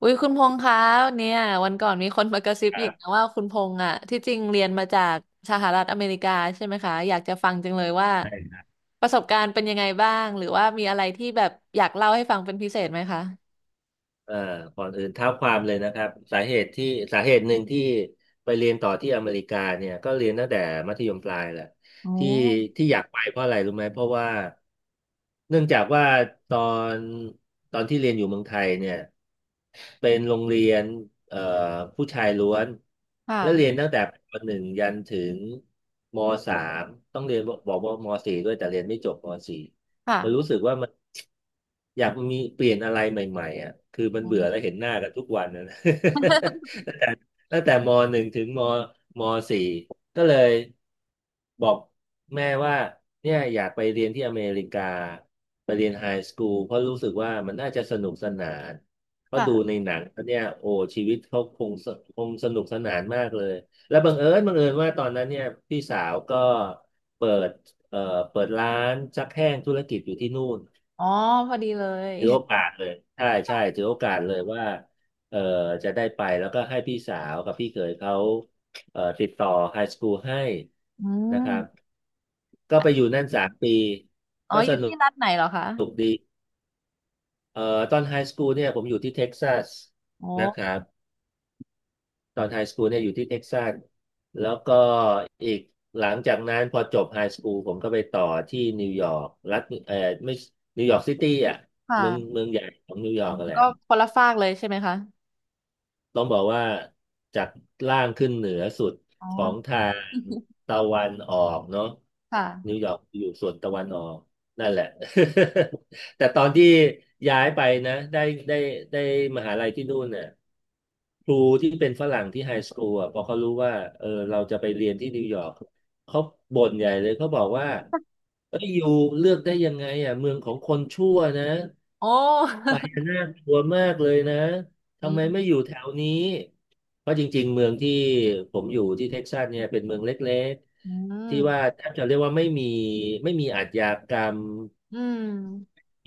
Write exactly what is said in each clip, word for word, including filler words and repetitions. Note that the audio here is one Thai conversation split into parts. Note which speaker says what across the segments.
Speaker 1: อุ้ยคุณพงษ์คะเนี่ยวันก่อนมีคนมากระซิบ
Speaker 2: ครั
Speaker 1: อีกนะ
Speaker 2: บ
Speaker 1: ว่าคุณพงษ์อ่ะที่จริงเรียนมาจากสหรัฐอเมริกาใช่ไหมคะอยากจะฟังจังเลยว่า
Speaker 2: ใช่
Speaker 1: ประสบการณ์เป็นยังไงบ้างหรือว่ามีอะไรที่แบบอยากเล่าให้ฟังเป็นพิเศษไหมคะ
Speaker 2: เอ่อก่อนอื่นเท้าความเลยนะครับสาเหตุที่สาเหตุหนึ่งที่ไปเรียนต่อที่อเมริกาเนี่ยก็เรียนตั้งแต่มัธยมปลายแหละที่ที่อยากไปเพราะอะไรรู้ไหมเพราะว่าเนื่องจากว่าตอนตอนที่เรียนอยู่เมืองไทยเนี่ยเป็นโรงเรียนเอ่อผู้ชายล้วน
Speaker 1: ค
Speaker 2: และเรียน
Speaker 1: ่ะ
Speaker 2: ตั้งแต่ปหนึ่งยันถึงมสามต้องเรียนบอกว่าบอกว่ามสี่ด้วยแต่เรียนไม่จบมสี่ มันรู้
Speaker 1: ค่ะ
Speaker 2: สึกว่ามันอยากมีเปลี่ยนอะไรใหม่ๆอ่ะคือมัน
Speaker 1: อื
Speaker 2: เบื่อแล้ว
Speaker 1: ม
Speaker 2: เห็นหน้ากันทุกวันนะ ตั้งแต่ตั้งแต่มหนึ่งถึงมมสี่ก็เลยบอกแม่ว่าเนี่ยอยากไปเรียนที่อเมริกาไปเรียนไฮสคูลเพราะรู้สึกว่ามันน่าจะสนุกสนานเพราะดูใน
Speaker 1: ค่ะ
Speaker 2: หนังแล้วเนี่ยโอ้ชีวิตเขาคงสคงสนุกสนานมากเลยแล้วบังเอิญบังเอิญว่าตอนนั้นเนี่ยพี่สาวก็เปิด เอ่อเปิดร้านซักแห้งธุรกิจอยู่ที่นู่น
Speaker 1: อ๋อพอดีเลย
Speaker 2: ถือโอกาสเลยใช่ใช่ถือโอกาสเลยว่าเอ่อจะได้ไปแล้วก็ให้พี่สาวกับพี่เขยเขาเอ่อติดต่อไฮสคูลให้
Speaker 1: อื
Speaker 2: นะครับ
Speaker 1: ม
Speaker 2: ก็ไปอยู่นั่นสามปี
Speaker 1: อ๋อ
Speaker 2: ก็
Speaker 1: อ
Speaker 2: ส
Speaker 1: ยู่
Speaker 2: นุก
Speaker 1: ที่รัฐไหนเหรอคะ
Speaker 2: สนุกดีเอ่อตอนไฮสคูลเนี่ยผมอยู่ที่เท็กซัส
Speaker 1: โอ้
Speaker 2: นะครับ ตอนไฮสคูลเนี่ยอยู่ที่เท็กซัสแล้วก็อีกหลังจากนั้นพอจบไฮสคูลผมก็ไปต่อที่นิวยอร์กรัฐเออไม่นิวยอร์กซิตี้อ่ะ
Speaker 1: ค
Speaker 2: เมือง
Speaker 1: ่ะ
Speaker 2: เมืองใหญ่ของนิวย
Speaker 1: อ
Speaker 2: อ
Speaker 1: อ
Speaker 2: ร์กกันแหละ
Speaker 1: ก็คนละฝากเลยใช่ไหมคะ
Speaker 2: ต้องบอกว่าจากล่างขึ้นเหนือสุด
Speaker 1: อ๋อ
Speaker 2: ของทางตะวันออกเนาะ
Speaker 1: ค่ะ
Speaker 2: นิวยอร์ กอยู่ส่วนตะวันออกนั่นแหละ แต่ตอนที่ย้ายไปนะได้ได้ได้มหาลัยที่นู่นเนี่ย ครูที่เป็นฝรั่งที่ไฮสคูลอ่ะพอเขารู้ว่าเออเราจะไปเรียนที่นิวยอร์กเขาบ่นใหญ่เลย เขาบอกว่า เอ้ยอยู่เลือกได้ยังไงอ่ะ เมืองของคนชั่วนะ
Speaker 1: โอ้
Speaker 2: ไปน่ากลัวมากเลยนะ
Speaker 1: อื
Speaker 2: ทำไมไม่อยู่
Speaker 1: ม
Speaker 2: แถวนี้ เพราะจริงๆ เมืองที่ผมอยู่ที่เท็กซัสเนี่ยเป็นเมืองเล็ก
Speaker 1: อื
Speaker 2: ๆ ที่ว่า
Speaker 1: ม
Speaker 2: แทบจะเรียกว่าไม่มีไม่มีอาชญากรรม
Speaker 1: อืม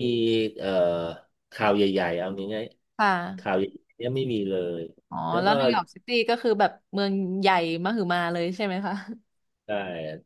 Speaker 2: มีเอ่อข่าวใหญ่ๆเอาง่าย
Speaker 1: ค
Speaker 2: ๆข่า
Speaker 1: ่ะ
Speaker 2: วใหญ่ๆเนี่ยไม่มีเลย
Speaker 1: อ๋อ
Speaker 2: แล้ว
Speaker 1: แล้ว
Speaker 2: ก็
Speaker 1: นิวยอร์กซิตี้ก็คือแบบเมืองใหญ่มหึมาเลยใช่ไหมคะ
Speaker 2: ใช่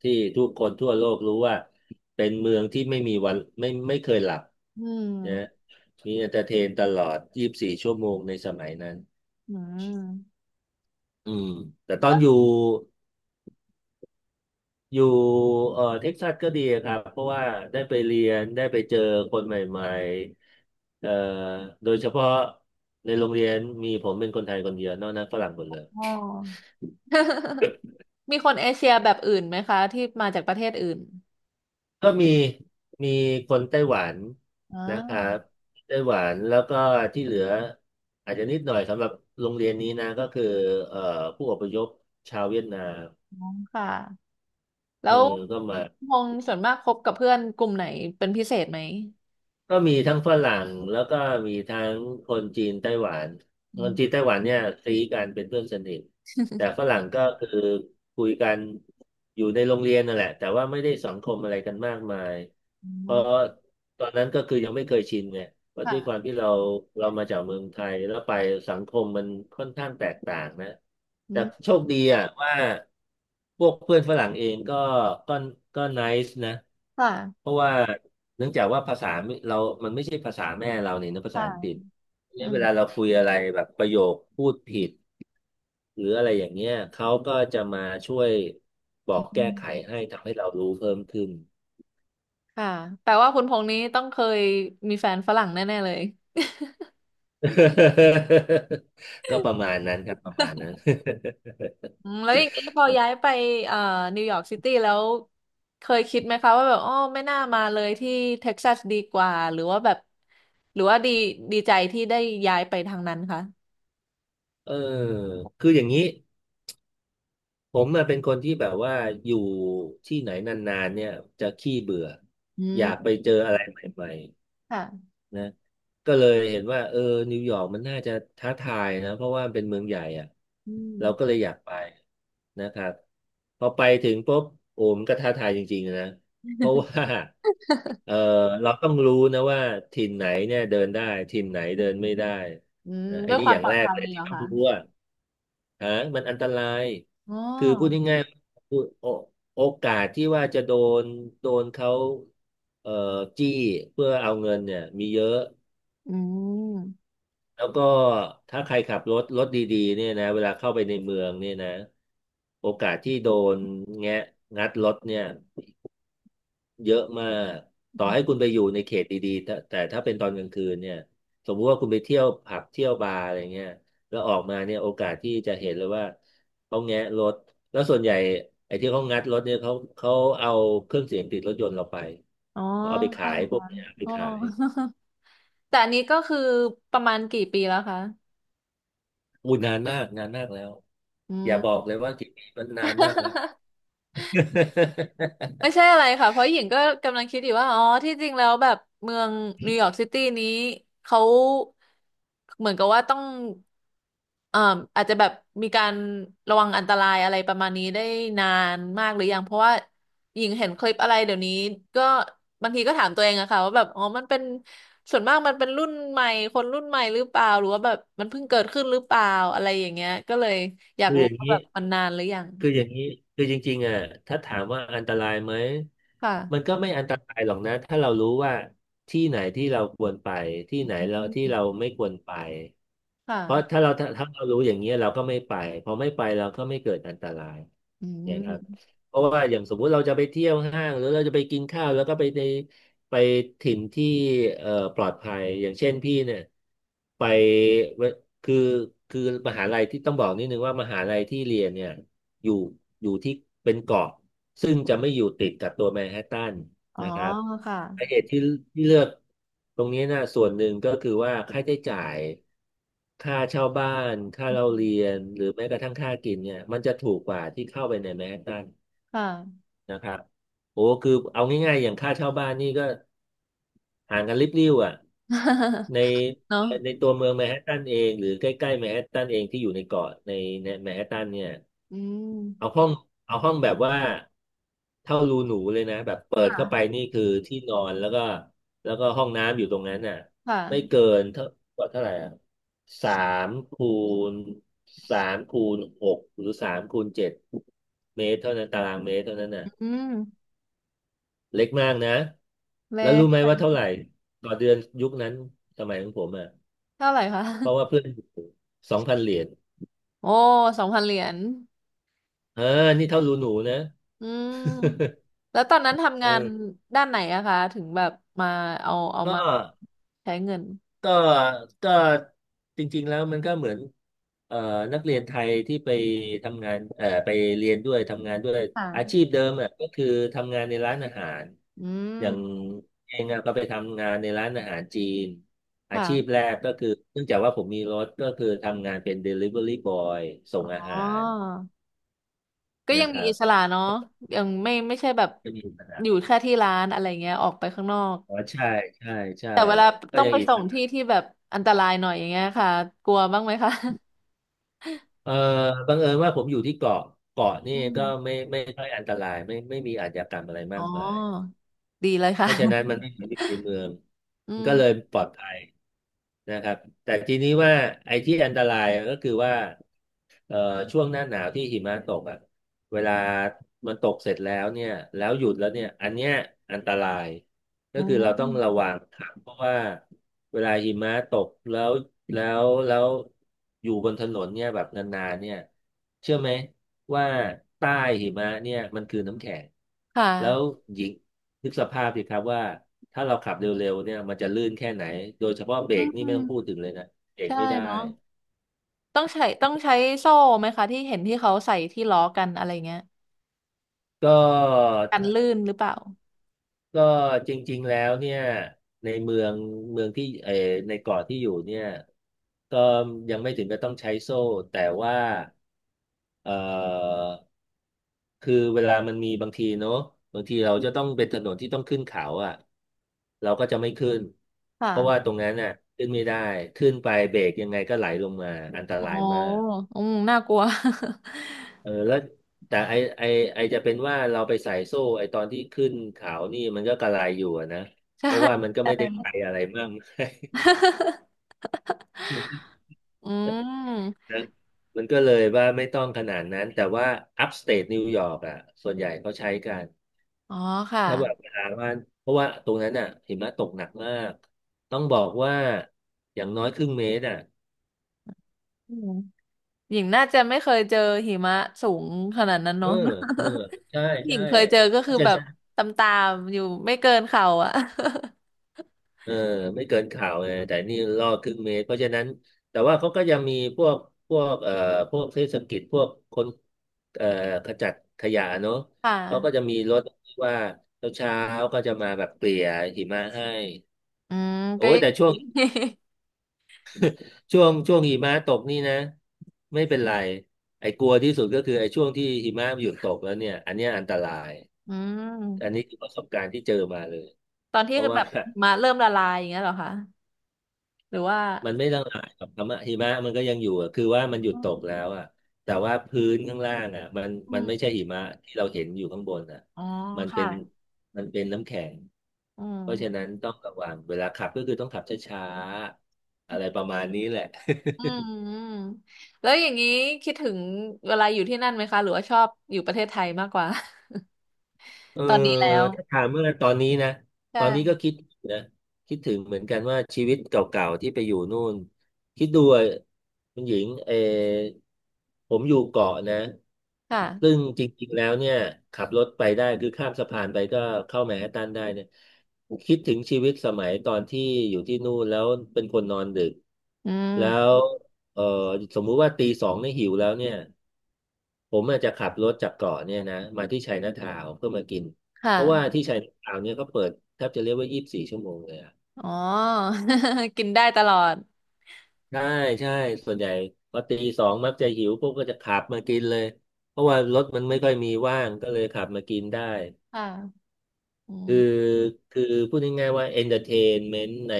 Speaker 2: ที่ทุกคนทั่วโลกรู้ว่าเป็นเมืองที่ไม่มีวันไม่ไม่เคยหลับ
Speaker 1: อื
Speaker 2: นะ
Speaker 1: ม
Speaker 2: มีเอนเตอร์เทนตลอดยี่สิบสี่ชั่วโมงในสมัยนั้น
Speaker 1: อืม
Speaker 2: อืมแต่ตอน
Speaker 1: ก็
Speaker 2: อยู่อยู่เอ่อเท็กซัสก็ดีครับเพราะว่าได้ไปเรียนได้ไปเจอคนใหม่ๆเอ่อโดยเฉพาะในโรงเรียนมีผมเป็นคนไทยคนเดียวนอกนั้นฝรั่งหมดเลย
Speaker 1: อ๋อ มีคนเอเชียแบบอื่นไหมคะที่มาจากประเทศอื่น
Speaker 2: ก็มีมีคนไต้หวัน
Speaker 1: อ่
Speaker 2: นะครับ
Speaker 1: า
Speaker 2: ไต้หวันแล้วก็ที่เหลืออาจจะนิดหน่อยสำหรับโรงเรียนนี้นะก็คือเอ่อผู้อพยพชาวเวียดนาม
Speaker 1: อ๋อค่ะแล้
Speaker 2: เออ
Speaker 1: ว
Speaker 2: ก็มา
Speaker 1: พงษ์ส่วนมากคบกับเพื่อนกลุ่มไหนเป็นพิเศษไหม
Speaker 2: ก็มีทั้งฝรั่งแล้วก็มีทั้งคนจีนไต้หวัน
Speaker 1: อื
Speaker 2: คน
Speaker 1: ม
Speaker 2: จีนไต้หวันเนี่ยซีกันเป็นเพื่อนสนิทแต่ฝ รั่งก็คือคุยกันอยู่ในโรงเรียนนั่นแหละแต่ว่าไม่ได้สังคมอะไรกันมากมายเพ
Speaker 1: อ๋อ
Speaker 2: ราะตอนนั้นก็คือยังไม่เคยชินไง เพราะด้วยความ
Speaker 1: ค่ะ
Speaker 2: ที่เราเรามาจากเมืองไทยแล้วไปสังคมมันค่อนข้างแตกต่างนะ
Speaker 1: อื
Speaker 2: แต่
Speaker 1: ม
Speaker 2: โชคดีอ่ะว่าพวกเพื่อนฝรั่งเองก็ก็ก็ไนซ์นะ
Speaker 1: ค่ะ
Speaker 2: เพราะว่าเนื่องจากว่าภาษาไม่เรามันไม่ใช่ภาษาแม่เราเนี่ยนะภาษา
Speaker 1: ค่ะ
Speaker 2: อังกฤษ
Speaker 1: อื
Speaker 2: เนี่ยเว
Speaker 1: ม
Speaker 2: ลาเราคุยอะไรแบบประโยคพูดผิดหรืออะไรอย่างเงี้ยเขาก็จะมาช่วยบอกแก้
Speaker 1: อื
Speaker 2: ไข
Speaker 1: ม
Speaker 2: ให้ทำให้เรารู้เพิ่มขึ้น
Speaker 1: ค่ะแปลว่าคุณพงษ์นี้ต้องเคยมีแฟนฝรั่งแน่ๆเลย
Speaker 2: ก็ประมาณนั้นครับประมาณนั้น
Speaker 1: อืมแล้วอย่างนี้ พอย้ายไปเอ่อนิวยอร์กซิตี้แล้วเคยคิดไหมคะว่าแบบอ๋อไม่น่ามาเลยที่เท็กซัสดีกว่าหรือว่าแบบหรือว่าดีดีใจที่ได้ย้ายไปทางนั้นคะ
Speaker 2: เออคืออย่างนี้ผมอะเป็นคนที่แบบว่าอยู่ที่ไหนนานๆเนี่ยจะขี้เบื่อ
Speaker 1: อื
Speaker 2: อยากไป
Speaker 1: ม
Speaker 2: เจออะไรใหม่
Speaker 1: ค่ะ
Speaker 2: นะก็เลยเห็นว่าเออนิวยอร์กมันน่าจะท้าทายนะเพราะว่ามันเป็นเมืองใหญ่อ่ะ
Speaker 1: อืม
Speaker 2: เราก็เลยอยากไปนะครับพอไปถึงปุ๊บโอ้มันก็ท้าทายจริงๆนะเพราะว่า เออเราต้องรู้นะว่าถิ่นไหนเนี่ยเดินได้ถิ่นไหนเดินไม่ได้
Speaker 1: อืม
Speaker 2: นะอั
Speaker 1: ด้
Speaker 2: น
Speaker 1: วย
Speaker 2: นี้
Speaker 1: ควา
Speaker 2: อ
Speaker 1: ม
Speaker 2: ย่าง
Speaker 1: ปลอ
Speaker 2: แร
Speaker 1: ด
Speaker 2: ก
Speaker 1: ภัย
Speaker 2: เลย
Speaker 1: เหร
Speaker 2: ที่
Speaker 1: อ
Speaker 2: ต้อง
Speaker 1: คะ
Speaker 2: รู้อ่าฮะมันอันตราย
Speaker 1: อ๋
Speaker 2: คือพูด
Speaker 1: อ
Speaker 2: ง่ายๆพูดโอโอกาสที่ว่าจะโดนโดนเขาเอ่อจี้เพื่อเอาเงินเนี่ยมีเยอะ
Speaker 1: อืม
Speaker 2: แล้วก็ถ้าใครขับรถรถดีๆเนี่ยนะเวลาเข้าไปในเมืองเนี่ยนะโอกาสที่โดนแงะงัดรถเนี่ยเยอะมากต่อให้คุณไปอยู่ในเขตดีๆแต่แต่ถ้าเป็นตอนกลางคืนเนี่ยสมมุติว่าคุณไปเที่ยวผับเที่ยวบาร์อะไรเงี้ยแล้วออกมาเนี่ยโอกาสที่จะเห็นเลยว่าเขาแงะรถแล้วส่วนใหญ่ไอ้ที่เขางัดรถเนี่ยเขาเขาเอาเครื่องเสียงติดรถยนต์เราไป
Speaker 1: อ๋อ
Speaker 2: เอาไปขา
Speaker 1: ค่ะ
Speaker 2: ยพวกเนี้ยเอาไป
Speaker 1: อ๋อ
Speaker 2: ขาย
Speaker 1: แต่อันนี้ก็คือประมาณกี่ปีแล้วคะ
Speaker 2: อู้นานมากนานมากแล้ว
Speaker 1: อื
Speaker 2: อย่าบอก
Speaker 1: ม
Speaker 2: เลยว่ากี่ปีมันนานมากแล้ว
Speaker 1: ไม่ใช่อะไรค่ะ เพราะหญิงก็กำลังคิดอยู่ว่า อ๋อ ที่จริงแล้วแบบเมืองนิวยอร์กซิตี้นี้เขาเหมือนกับว่าต้องเอ่ออาจจะแบบมีการระวังอันตรายอะไรประมาณนี้ได้นานมากหรือยังเพราะว่าหญิงเห็นคลิปอะไรเดี๋ยวนี้ก็บางทีก็ถามตัวเองอะค่ะว่าแบบอ๋อมันเป็นส่วนมากมันเป็นรุ่นใหม่คนรุ่นใหม่หรือเปล่าหรือว่าแบบมันเพิ่งเกิดขึ้นหรือเปล่าอะไรอย่างเงี้ยก็เลยอยาก
Speaker 2: คืออ
Speaker 1: รู้
Speaker 2: ย่าง
Speaker 1: ว่า
Speaker 2: นี้
Speaker 1: แบบมันนานหรือยัง
Speaker 2: คืออย่างนี้คือจริงๆอ่ะถ้าถามว่าอันตรายไหม
Speaker 1: ค่ะ
Speaker 2: มันก็ไม่อันตรายหรอกนะถ้าเรารู้ว่าที่ไหนที่เราควรไปที่
Speaker 1: อื
Speaker 2: ไหนเราที่
Speaker 1: ม
Speaker 2: เราไม่ควรไปเพราะ
Speaker 1: ค่ะ
Speaker 2: ถ้าเราถ้าถ้าเรารู้อย่างเงี้ยเราก็ไม่ไปพอไม่ไปเราก็ไม่เกิดอันตราย
Speaker 1: อื
Speaker 2: เนี่ยครับ
Speaker 1: ม
Speaker 2: เพราะว่าอย่างสมมุติเราจะไปเที่ยวห้างหรือเราจะไปกินข้าวแล้วก็ไปในไปถิ่นที่เอ่อปลอดภัยอย่างเช่นพี่เนี่ยไปเวคือคือมหาลัยที่ต้องบอกนิดนึงว่ามหาลัยที่เรียนเนี่ย อยู่อยู่ที่เป็นเกาะซึ่งจะไม่อยู่ติดกับตัวแมนฮัตตัน
Speaker 1: อ๋อ
Speaker 2: นะครับ
Speaker 1: ค่ะ
Speaker 2: สาเหตุที่ที่เลือกตรงนี้นะส่วนหนึ่งก็คือว่าค่าใช้จ่ายค่าเช่าบ้านค่า
Speaker 1: อื
Speaker 2: เราเรี
Speaker 1: ม
Speaker 2: ยนหรือแม้กระทั่งค่ากินเนี่ยมันจะถูกกว่าที่เข้าไปในแมนฮัตตัน
Speaker 1: ค่ะ
Speaker 2: นะครับโอ้คือเอาง่ายๆอย่างค่าเช่าบ้านนี่ก็ห่างกันลิบลิ่วอ่ะใน
Speaker 1: เนาะ
Speaker 2: ในตัวเมืองแมนฮัตตันเองหรือใกล้ๆแมนฮัตตันเองที่อยู่ในเกาะในในแมนฮัตตันเนี่ย
Speaker 1: อื
Speaker 2: เอา
Speaker 1: ม
Speaker 2: ห้องเอาห้องแบบว่าเท่ารูหนูเลยนะแบบเปิด
Speaker 1: ค่ะ
Speaker 2: เข้าไปนี่คือที่นอนแล้วก็แล้วก็ห้องน้ำอยู่ตรงนั้นน่ะ
Speaker 1: ค
Speaker 2: ไม่เกิ
Speaker 1: ่ะ
Speaker 2: นเท่าเท่าไหร่อ่ะสามคูณสามคูณหกหรือสามคูณเจ็ดเมตรเท่านั้นตารางเมตรเท่านั้นน่ะ
Speaker 1: อืม
Speaker 2: เล็กมากนะ
Speaker 1: เล
Speaker 2: แล้วรู้ไหม
Speaker 1: ท
Speaker 2: ว่าเท่าไหร่ต่อเดือนยุคนั้นสมัยของผมอ่ะ
Speaker 1: เท่าไหร่คะ
Speaker 2: เพราะว่าเพื่อนสองพันเหรียญ
Speaker 1: โอ้สองพันเหรียญ
Speaker 2: เออนี่เท่ารูหนูนะ
Speaker 1: อืมแล้วตอนนั้น ทำงาน
Speaker 2: เออ
Speaker 1: ด้านไหนอะคะถึงแบบมาเอาเอา
Speaker 2: ก็
Speaker 1: มาใช้เงิน
Speaker 2: ก็ก็จริงๆ แล้วมันก็เหมือนเอ่อนักเรียนไทยที่ไปทำงานเอ่อไปเรียนด้วยทำงานด้วยอา
Speaker 1: ค่ะ
Speaker 2: ชีพเดิมอ่ะก็คือทำงานในร้านอาหาร
Speaker 1: อื
Speaker 2: อย่าง
Speaker 1: ม
Speaker 2: เองอะก็ไปทำงานในร้านอาหารจีนอาชีพ
Speaker 1: ค่ะ
Speaker 2: แรกก็คือเนื่องจากว่าผมมีรถก็คือทำงานเป็น ดิลิเวอรี่บอย ส่
Speaker 1: อ๋
Speaker 2: งอาหา
Speaker 1: อ
Speaker 2: ร
Speaker 1: ก็ยั
Speaker 2: นะ
Speaker 1: ง
Speaker 2: ค
Speaker 1: มี
Speaker 2: รั
Speaker 1: อิ
Speaker 2: บ
Speaker 1: สระเนาะยังไม่ไม่ใช่แบบ
Speaker 2: ก็มีปัญหา
Speaker 1: อยู่แค่ที่ร้านอะไรเงี้ย ออกไปข้างนอก
Speaker 2: อ๋อใช่ใช่ใช่
Speaker 1: แต่เวลา
Speaker 2: ก็
Speaker 1: ต้อง
Speaker 2: ยัง
Speaker 1: ไป
Speaker 2: อิ
Speaker 1: ส่
Speaker 2: ส
Speaker 1: งที่ที่แบบอันตรายหน่อยอย่างเงี้ยค่ะกลัวบ้างไหมคะ
Speaker 2: เอ่อบังเอิญว่าผมอยู่ที่เกาะเกาะนี่
Speaker 1: อืม
Speaker 2: ก็ไม่ไม่ค่อยอันตรายไม่ไม่มีอาชญากรรมอะไร
Speaker 1: อ๋
Speaker 2: มา
Speaker 1: อ
Speaker 2: กมาย
Speaker 1: ดีเลย
Speaker 2: เพ
Speaker 1: ค่ะ
Speaker 2: ราะฉะนั้นมันไม่เหมือนในเมือง
Speaker 1: อื
Speaker 2: มัน
Speaker 1: ม
Speaker 2: ก็เลยปลอดภัยนะครับแต่ทีนี้ว่าไอ้ที่อันตรายก็คือว่าเอ่อช่วงหน้าหนาวที่หิมะตกอ่ะเวลามันตกเสร็จแล้วเนี่ยแล้วหยุดแล้วเนี่ยอันเนี้ยอันตราย ก็
Speaker 1: อื
Speaker 2: คือเราต้องระ
Speaker 1: ม
Speaker 2: วังครับเพราะว่าเวลาหิมะตกแล้วแล้วแล้วอยู่บนถนนเนี่ยแบบนานๆเนี่ยเชื่อไหมว่าใต้หิมะเนี่ยมันคือน้ำแข็ง
Speaker 1: ค่
Speaker 2: แล้ว
Speaker 1: ะ
Speaker 2: หญิงนึกสภาพสิครับว่าถ้าเราขับเร็วๆเนี่ยมันจะลื่นแค่ไหนโดยเฉพาะเบร
Speaker 1: อื
Speaker 2: กนี่ไม่ต้องพูด
Speaker 1: ม
Speaker 2: ถึงเลยนะเบรก
Speaker 1: ใช่
Speaker 2: ไม่ได้
Speaker 1: เนาะต้องใช้ต้องใช้โซ่ไหมคะที่เห็นที่เขาใส่ที่ล้อกันอะไรเงี้ย
Speaker 2: ก็
Speaker 1: กันลื่นหรือเปล่า
Speaker 2: ก็จริงๆแล้วเนี่ยในเมืองเมืองที่เออในเกาะที่อยู่เนี่ยก็ยังไม่ถึงกับต้องใช้โซ่แต่ว่าเอ่อคือเวลามันมีบางทีเนอะบางทีเราจะต้องเป็นถนนที่ต้องขึ้นเขาอ่ะเราก็จะไม่ขึ้นเพราะว่า
Speaker 1: ค่ะ
Speaker 2: ตรงนั้นน่ะขึ้นไม่ได้ขึ้นไปเบรกยังไงก็ไหลลงมาอันต
Speaker 1: โอ้
Speaker 2: รายมาก
Speaker 1: อืมน่ากลัว
Speaker 2: เออแล้วแต่ไอไอไอจะเป็นว่าเราไปใส่โซ่ไอตอนที่ขึ้นเขานี่มันก็กระไรอยู่อะนะ
Speaker 1: ใช่
Speaker 2: เพราะว่ามันก็
Speaker 1: ใช่
Speaker 2: ไม่ได้ไกลอะไรมาก
Speaker 1: อืม
Speaker 2: นะมันก็เลยว่าไม่ต้องขนาดนั้นแต่ว่าอัพสเต e นิวยอร์กอ่ะส่วนใหญ่เขาใช้กัน
Speaker 1: อ๋อค่ะ
Speaker 2: ถ้าแบบเวลาว่าเพราะว่าตรงนั้นอ่ะหิมะตกหนักมากต้องบอกว่าอย่างน้อยครึ่งเมตรอ่ะ
Speaker 1: อืม หญิงน่าจะไม่เคยเจอหิมะสูงขนาดนั้น
Speaker 2: เออ
Speaker 1: เนาะ
Speaker 2: เออใช่
Speaker 1: หญิ
Speaker 2: ใช่
Speaker 1: งเคยเจอก็
Speaker 2: เพ
Speaker 1: คือ
Speaker 2: ราะ
Speaker 1: แบบ
Speaker 2: ฉะ
Speaker 1: ตามตามอยู่ไม่เกินเข่าอ่ะ
Speaker 2: เออไม่เกินข่าวไงแต่นี่ล่อครึ่งเมตรเพราะฉะนั้นแต่ว่าเขาก็ยังมีพวกพวกเอ่อพวกเทศกิจพวกคนเอ่อขจัดขยะเนอะ
Speaker 1: ค่
Speaker 2: เขาก็จะ
Speaker 1: ะ
Speaker 2: มีรถที่ว่าเช้าๆก็จะมาแบบเกลี่ยหิมะให้
Speaker 1: อืม
Speaker 2: โอ้
Speaker 1: ก็
Speaker 2: ย
Speaker 1: ยัง
Speaker 2: แต่ ช่วงช่วงช่วงหิมะตกนี่นะไม่เป็นไรไอ้กลัวที่สุดก็คือไอ้ช่วงที่หิมะหยุดตกแล้วเนี่ยอันเนี้ยอันตราย
Speaker 1: อื
Speaker 2: อันนี้
Speaker 1: ม
Speaker 2: คือประสบการณ์ที่เจอมาเลย
Speaker 1: ตอน
Speaker 2: เพ
Speaker 1: ที่
Speaker 2: ราะว่า
Speaker 1: แบบหิมาเริ่มละลายอย่างเงี้ยเหรอคะหรือว่า
Speaker 2: มันไม่ต้องหายหรอกครับหิมะมันก็ยังอยู่อะคือว่ามัน
Speaker 1: อื
Speaker 2: หยุดตก
Speaker 1: ม
Speaker 2: แล้วอ่ะแต่ว่าพื้นข้างล่างอ่ะ มัน
Speaker 1: อ
Speaker 2: มันไม่
Speaker 1: ม
Speaker 2: ใช่หิมะที่เราเห็นอยู่ข้างบนอ่ะ
Speaker 1: อ๋อ
Speaker 2: มันเป็
Speaker 1: ค่ะ
Speaker 2: นมันเป็นน้ำแข็ง
Speaker 1: อืม
Speaker 2: เพราะฉะนั้นต้องระวังเวลาขับก็คือต้องขับช้าๆอะไรประมาณนี้แหละ
Speaker 1: อืมอืมแล้วอย่างนี้คิดถึงเวลาอยู่ที่นั่นไหมคะหรือว่าชอบอยู่ประเทศไทยมากกว่า
Speaker 2: เออ
Speaker 1: ตอนนี้แล้ว
Speaker 2: ถ้าถามเมื่อตอนนี้นะตอนนี้ก็
Speaker 1: ใช่
Speaker 2: คิดนะคิดถึงเหมือนกันว่าชีวิตเก่าๆที่ไปอยู่นู่นคิดดูอะคุณหญิงเออผมอยู่เกาะนะ
Speaker 1: ค่ะ
Speaker 2: ซึ่งจริงๆแล้วเนี่ยขับรถไปได้คือข้ามสะพานไปก็เข้าแมนฮัตตันได้เนี่ยคิดถึงชีวิตสมัยตอนที่อยู่ที่นู่นแล้วเป็นคนนอนดึก
Speaker 1: อื
Speaker 2: แล้ว
Speaker 1: ม
Speaker 2: เออสมมุติว่าตีสองเนี่ยหิวแล้วเนี่ย ผมอาจจะขับรถจากเกาะเนี่ยนะมาที่ไชน่าทาวน์เพื่อมากิน
Speaker 1: ค
Speaker 2: เพราะว่า
Speaker 1: ่ะ
Speaker 2: ที่ไชน่าทาวน์เนี่ยเขาเปิดแทบจะเรียกว่ายี่สิบสี่ชั่วโมงเลยอะ
Speaker 1: อ๋อ กินได้ตลอด
Speaker 2: ใช่ใช่ส่วนใหญ่พอตีสองมักจะหิวพวกก็จะขับมากินเลยเพราะว่ารถมันไม่ค่อยมีว่างก็เลยขับมากินได้
Speaker 1: ค่ะอื
Speaker 2: คือ
Speaker 1: ม
Speaker 2: คือพูดง่ายๆว่าเอนเตอร์เทนเมนต์ใน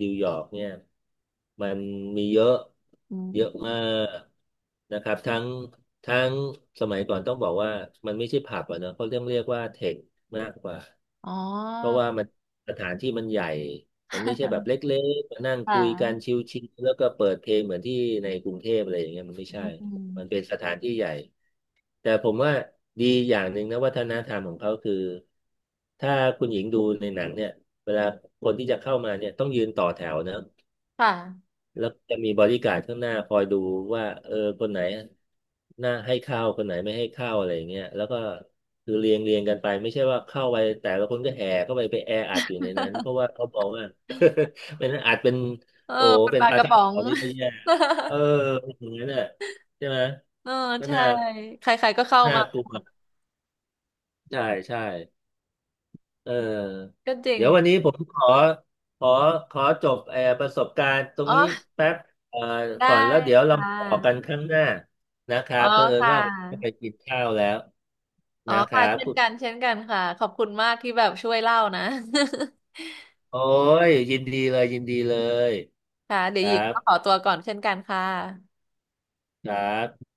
Speaker 2: นิวยอร์กเนี่ยมันมีเยอะ
Speaker 1: อื
Speaker 2: เยอะ
Speaker 1: ม
Speaker 2: มากนะครับทั้งทั้งสมัยก่อนต้องบอกว่ามันไม่ใช่ผับอะเนอะเขาเรียกเรียกว่าเทคมากกว่า
Speaker 1: อ๋อ
Speaker 2: เพราะว่ามันสถานที่มันใหญ่มันไม่ใช่แบบ เล็กๆมานั่ง
Speaker 1: ค่
Speaker 2: คุยกันช
Speaker 1: ะ
Speaker 2: ิลๆแล้วก็เปิดเพลงเหมือนที่ในกรุงเทพอะไรอย่างเงี้ยมันไม่ใช่
Speaker 1: อื
Speaker 2: มันเป็
Speaker 1: ม
Speaker 2: นสถานที่ใหญ่ แต่ผมว่าดีอย่างหนึ่งนะวัฒนธรรมของเขาคือถ้าคุณหญิงดูในหนังเนี่ยเวลาคนที่จะเข้ามาเนี่ยต้องยืนต่อแถวนะ
Speaker 1: ค่ะ
Speaker 2: แล้วจะมีบอดี้การ์ดข้างหน้าคอยดูว่าเออคนไหนหน้าให้เข้าวคนไหนไม่ให้เข้าวอะไรอย่างเงี้ยแล้วก็คือเรียงเรียงกันไปไม่ใช่ว่าเข้าไปแต่ละคนก็แห่เข้าไปไปแออัดอยู่ในนั้นเพราะว่าเขาบอกว่า เป็นนอาจเป็น
Speaker 1: เออ
Speaker 2: โอ้
Speaker 1: เป็น
Speaker 2: เป็
Speaker 1: ป
Speaker 2: น
Speaker 1: ลา
Speaker 2: ปลา
Speaker 1: กระ
Speaker 2: ท่อง
Speaker 1: ป๋อ
Speaker 2: โก
Speaker 1: ง
Speaker 2: นี่ก็แย่เออ อย่างนั้นน่ะใช่ไหม
Speaker 1: เออ
Speaker 2: ก็
Speaker 1: ใช่
Speaker 2: น่า
Speaker 1: ใครๆก็เข้า
Speaker 2: น่า
Speaker 1: มา
Speaker 2: กลั
Speaker 1: หม
Speaker 2: ว
Speaker 1: ด
Speaker 2: ใช่ใช่ เออ
Speaker 1: ก็จริง
Speaker 2: เดี๋ยววันนี้ผมขอขอขอจบเอ่อประสบการณ์ตรง
Speaker 1: อ๋อ
Speaker 2: นี้แป๊บเอ่อ
Speaker 1: ได้
Speaker 2: ก่อนแล้วเดี๋ยวเรา
Speaker 1: ค่
Speaker 2: มาต่อกันค
Speaker 1: ะ
Speaker 2: รั้งหน้านะครั
Speaker 1: อ๋อ
Speaker 2: บเผอิญ
Speaker 1: ค่ะ
Speaker 2: ว่าผมต้องไปกินข้าวแล้ว
Speaker 1: อ๋อ
Speaker 2: นะครั
Speaker 1: ค่ะ
Speaker 2: บ
Speaker 1: เช่น
Speaker 2: คุณ
Speaker 1: กันเช่นกันค่ะขอบคุณมากที่แบบช่วยเล่านะ
Speaker 2: โอ้ยยินดีเลยยินดีเลย
Speaker 1: ค่ะเดี๋
Speaker 2: ค
Speaker 1: ยวห
Speaker 2: รั
Speaker 1: ญิง
Speaker 2: บ
Speaker 1: ก็ขอตัวก่อนเช่นกันค่ะ
Speaker 2: ครับ